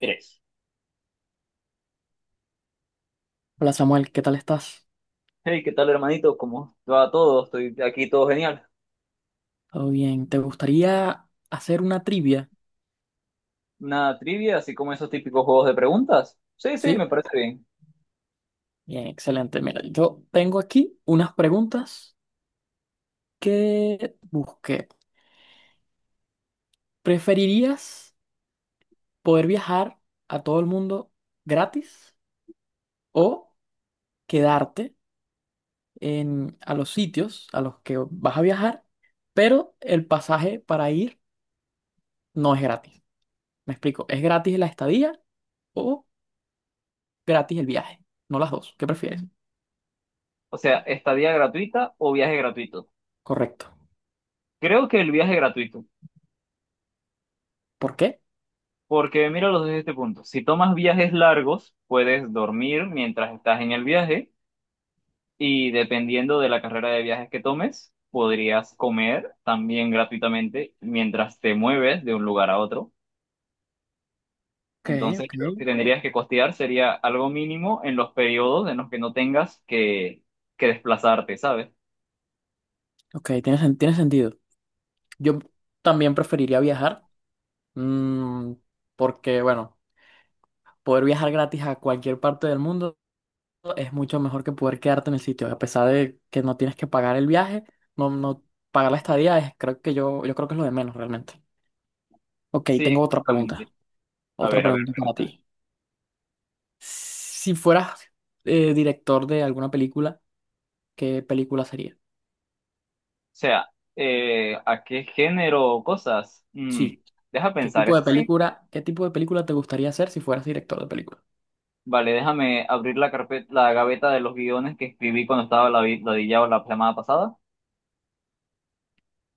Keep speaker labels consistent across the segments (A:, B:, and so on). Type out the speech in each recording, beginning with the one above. A: Tres.
B: Hola Samuel, ¿qué tal estás?
A: Hey, ¿qué tal, hermanito? ¿Cómo va todo? Estoy aquí todo genial.
B: ¿Todo bien? ¿Te gustaría hacer una trivia?
A: Una trivia, así como esos típicos juegos de preguntas. Sí, sí, me
B: ¿Sí?
A: parece bien.
B: Bien, excelente. Mira, yo tengo aquí unas preguntas que busqué. ¿Preferirías poder viajar a todo el mundo gratis o quedarte en, a los sitios a los que vas a viajar, pero el pasaje para ir no es gratis? Me explico, ¿es gratis la estadía o gratis el viaje? No las dos, ¿qué prefieres?
A: O sea, estadía gratuita o viaje gratuito.
B: Correcto.
A: Creo que el viaje gratuito,
B: ¿Por qué?
A: porque míralos desde este punto. Si tomas viajes largos, puedes dormir mientras estás en el viaje y dependiendo de la carrera de viajes que tomes, podrías comer también gratuitamente mientras te mueves de un lugar a otro.
B: Ok,
A: Entonces,
B: ok.
A: lo que tendrías que costear sería algo mínimo en los periodos en los que no tengas que desplazarte, ¿sabes?
B: Ok, tiene, tiene sentido. Yo también preferiría viajar, mm, porque, bueno, poder viajar gratis a cualquier parte del mundo es mucho mejor que poder quedarte en el sitio. A pesar de que no tienes que pagar el viaje, no, no pagar la estadía, es, creo que yo creo que es lo de menos realmente. Ok,
A: Sí,
B: tengo otra
A: exactamente.
B: pregunta. Otra
A: A ver,
B: pregunta para
A: pregunta. O
B: ti. Si fueras director de alguna película, ¿qué película sería?
A: sea, ¿a qué género o cosas?
B: Sí.
A: Deja
B: ¿Qué
A: pensar,
B: tipo
A: ¿es
B: de
A: así?
B: película, qué tipo de película te gustaría hacer si fueras director de película?
A: Vale, déjame abrir la carpeta, la gaveta de los guiones que escribí cuando estaba ladillado la semana pasada.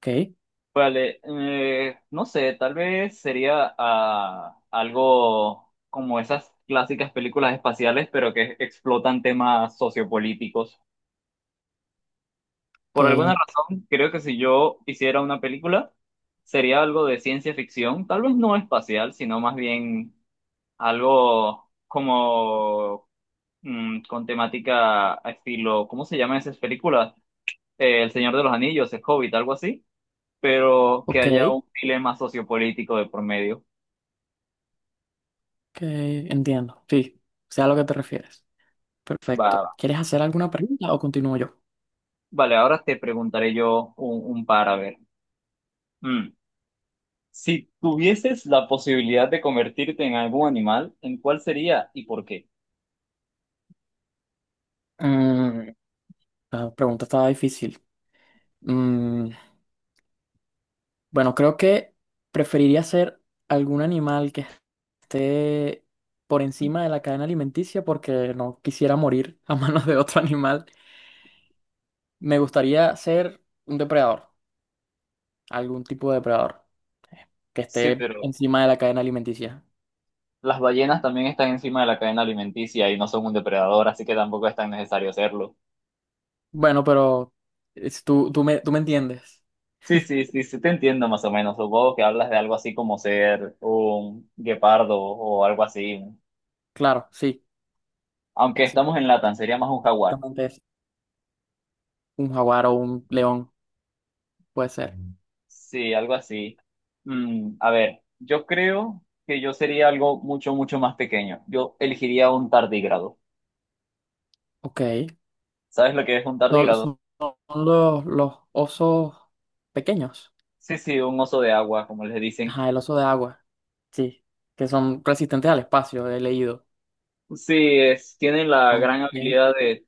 B: Ok.
A: Vale, no sé, tal vez sería algo como esas clásicas películas espaciales, pero que explotan temas sociopolíticos.
B: Ok,
A: Por alguna razón, creo que si yo hiciera una película, sería algo de ciencia ficción, tal vez no espacial, sino más bien algo como con temática a estilo, ¿cómo se llaman esas películas? El Señor de los Anillos, El Hobbit, algo así, pero que
B: Ok, ok,
A: haya un dilema sociopolítico de por medio.
B: entiendo. Sí, sé a lo que te refieres.
A: Va,
B: Perfecto.
A: va.
B: ¿Quieres hacer alguna pregunta o continúo yo?
A: Vale, ahora te preguntaré yo un par, a ver. Mm. Si tuvieses la posibilidad de convertirte en algún animal, ¿en cuál sería y por qué?
B: Mm, la pregunta estaba difícil. Mm, bueno, creo que preferiría ser algún animal que esté por encima de la cadena alimenticia porque no quisiera morir a manos de otro animal. Me gustaría ser un depredador, algún tipo de depredador que
A: Sí,
B: esté
A: pero
B: encima de la cadena alimenticia.
A: las ballenas también están encima de la cadena alimenticia y no son un depredador, así que tampoco es tan necesario hacerlo.
B: Bueno, pero tú tú me entiendes.
A: Sí, sí, sí, sí, te entiendo más o menos. Supongo que hablas de algo así como ser un guepardo o algo así, ¿no?
B: Claro, sí.
A: Aunque estamos en Latam, sería más un jaguar.
B: Exactamente es un jaguar o un león, puede ser.
A: Sí, algo así. A ver, yo creo que yo sería algo mucho, mucho más pequeño. Yo elegiría un tardígrado.
B: Ok.
A: ¿Sabes lo que es un
B: No,
A: tardígrado?
B: Son, los osos pequeños.
A: Sí, sí, un oso de agua, como les dicen.
B: Ajá, el oso de agua. Sí. Que son resistentes al espacio, he leído.
A: Sí, tienen la
B: Son-
A: gran
B: tienen,
A: habilidad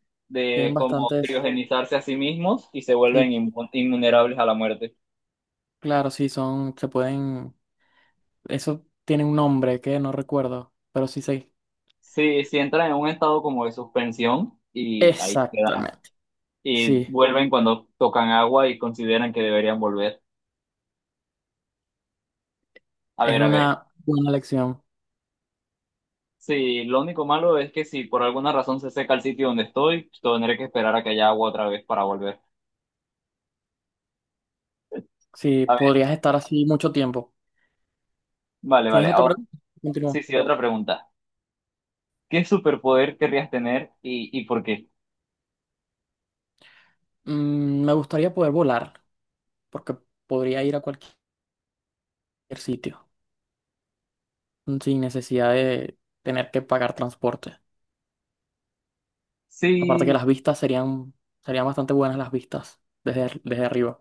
B: tienen
A: de como
B: bastantes.
A: criogenizarse a sí mismos y se vuelven
B: Sí,
A: invulnerables a la muerte.
B: claro, sí, son. Se pueden. Eso tiene un nombre que no recuerdo, pero sí sé.
A: Sí, sí, entran en un estado como de suspensión y ahí quedan.
B: Exactamente.
A: Y
B: Sí.
A: vuelven cuando tocan agua y consideran que deberían volver. A
B: Es
A: ver, a ver.
B: una buena lección.
A: Sí, lo único malo es que si por alguna razón se seca el sitio donde estoy, tendré que esperar a que haya agua otra vez para volver.
B: Sí,
A: A ver,
B: podrías estar así mucho tiempo.
A: vale,
B: ¿Tienes
A: vale.
B: otra
A: Ahora,
B: pregunta?
A: sí,
B: Continúa.
A: sí, otra pregunta. ¿Qué superpoder querrías tener y por qué?
B: Me gustaría poder volar, porque podría ir a cualquier sitio sin necesidad de tener que pagar transporte. Aparte que
A: Sí,
B: las vistas serían, serían bastante buenas las vistas desde, desde arriba.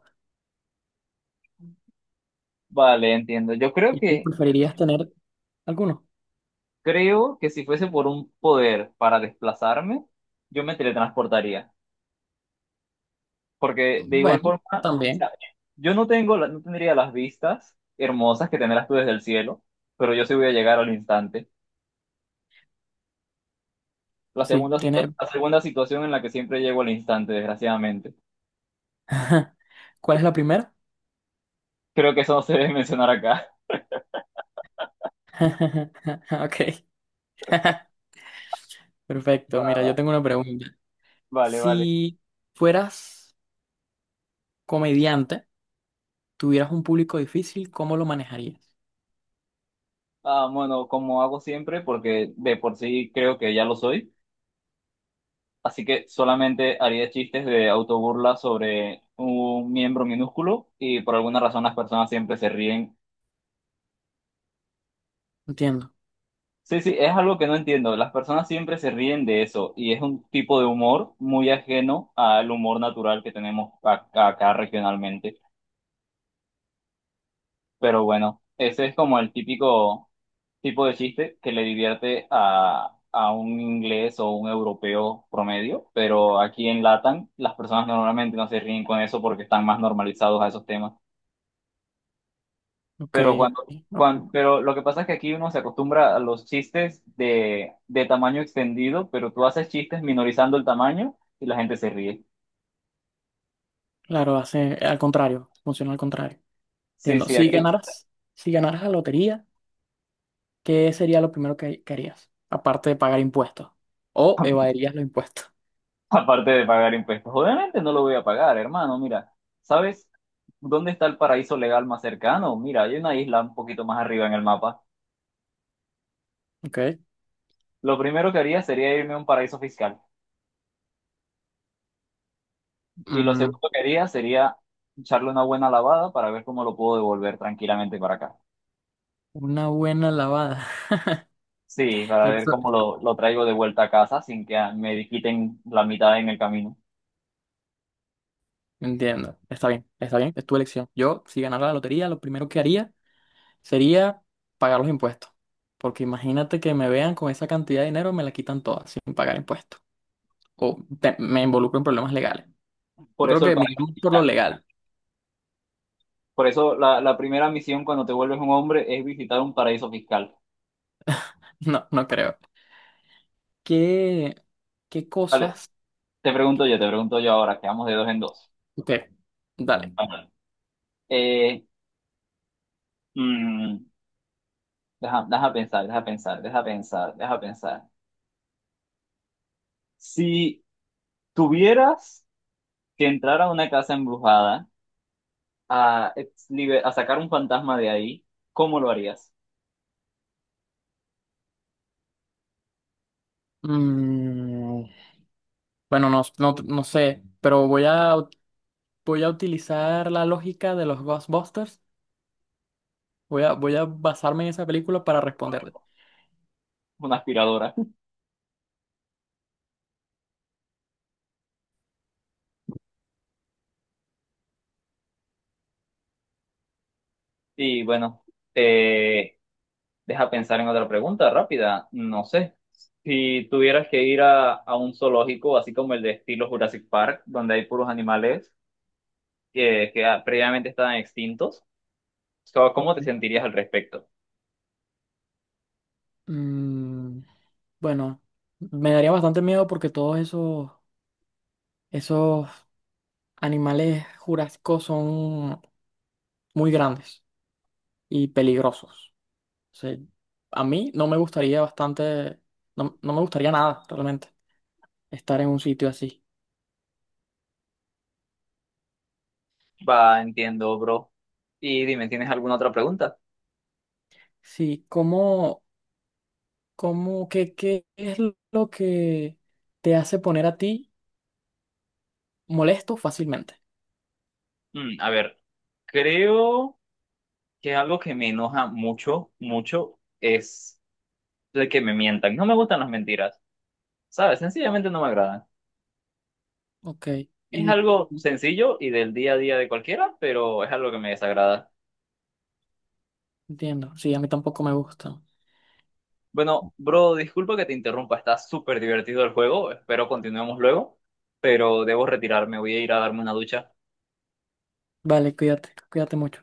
A: vale, entiendo.
B: ¿Y tú preferirías tener alguno?
A: Creo que si fuese por un poder para desplazarme, yo me teletransportaría. Porque de igual
B: Bueno,
A: forma, o
B: también,
A: sea, yo no tengo, la- no tendría las vistas hermosas que tendrás tú desde el cielo, pero yo sí voy a llegar al instante.
B: sí. Tiene...
A: La segunda situación en la que siempre llego al instante, desgraciadamente.
B: ¿Cuál es la primera?
A: Creo que eso no se debe mencionar acá.
B: Ok. Perfecto.
A: Va,
B: Mira, yo
A: va.
B: tengo una pregunta.
A: Vale, vale.
B: Si fueras comediante, tuvieras un público difícil, ¿cómo lo manejarías?
A: Bueno, como hago siempre, porque de por sí creo que ya lo soy, así que solamente haría chistes de autoburla sobre un miembro minúsculo y por alguna razón las personas siempre se ríen.
B: Entiendo.
A: Sí, sí, es algo que no entiendo. Las personas siempre se ríen de eso y es un tipo de humor muy ajeno al humor natural que tenemos acá regionalmente. Pero bueno, ese es como el típico tipo de chiste que le divierte a un inglés o un europeo promedio, pero aquí en Latam las personas normalmente no se ríen con eso porque están más normalizados a esos temas.
B: Ok.
A: Pero
B: Ok.
A: pero lo que pasa es que aquí uno se acostumbra a los chistes de tamaño extendido, pero tú haces chistes minorizando el tamaño y la gente se ríe.
B: Claro, hace al contrario, funciona al contrario.
A: Sí,
B: Entiendo.
A: sí, aquí.
B: Si ganaras la lotería, ¿qué sería lo primero que harías? Aparte de pagar impuestos. O evadirías los impuestos.
A: Aparte de pagar impuestos, obviamente no lo voy a pagar, hermano. Mira, ¿sabes dónde está el paraíso legal más cercano? Mira, hay una isla un poquito más arriba en el mapa.
B: Ok.
A: Lo primero que haría sería irme a un paraíso fiscal. Y lo
B: Mm,
A: segundo que haría sería echarle una buena lavada para ver cómo lo puedo devolver tranquilamente para acá.
B: una buena lavada.
A: Sí, para
B: Pero
A: ver cómo
B: eso-
A: lo traigo de vuelta a casa sin que me quiten la mitad en el camino.
B: Entiendo. Está bien, está bien. Es tu elección. Yo, si ganara la lotería, lo primero que haría sería pagar los impuestos. Porque imagínate que me vean con esa cantidad de dinero, me la quitan toda sin pagar impuestos. O me involucro en problemas legales. Yo
A: Por
B: creo
A: eso el
B: que me iría
A: paraíso
B: por lo
A: fiscal.
B: legal.
A: Por eso la primera misión cuando te vuelves un hombre es visitar un paraíso fiscal.
B: No, no creo. ¿Qué, qué
A: Vale,
B: cosas?
A: te pregunto yo, te pregunto yo ahora, quedamos de dos en dos.
B: Ok, dale.
A: Ajá. Eh, mm, deja pensar, Si tuvieras que entrar a una casa embrujada a sacar un fantasma de ahí, ¿cómo lo harías?
B: Mm, bueno, no, no, no sé, pero voy a utilizar la lógica de los Ghostbusters. Voy a basarme en esa película para responderte.
A: Una aspiradora. Y bueno, eh, deja pensar en otra pregunta rápida. No sé. Si tuvieras que ir a un zoológico, así como el de estilo Jurassic Park, donde hay puros animales que previamente estaban extintos. So, ¿cómo te sentirías al respecto?
B: Mm, bueno, me daría bastante miedo porque todos esos, esos animales jurásicos son muy grandes y peligrosos. O sea, a mí no me gustaría bastante, no, no me gustaría nada realmente estar en un sitio así.
A: Va, entiendo, bro. Y dime, ¿tienes alguna otra pregunta?
B: Sí, ¿qué, qué es lo que te hace poner a ti molesto fácilmente?
A: A ver, creo que algo que me enoja mucho, mucho, es el que me mientan. No me gustan las mentiras, ¿sabes? Sencillamente no me agradan.
B: Ok,
A: Es
B: y
A: algo sencillo y del día a día de cualquiera, pero es algo que me desagrada.
B: entiendo, sí, a mí tampoco me gusta.
A: Bueno, bro, disculpa que te interrumpa, está súper divertido el juego, espero continuemos luego, pero debo retirarme, voy a ir a darme una ducha.
B: Vale, cuídate, cuídate mucho.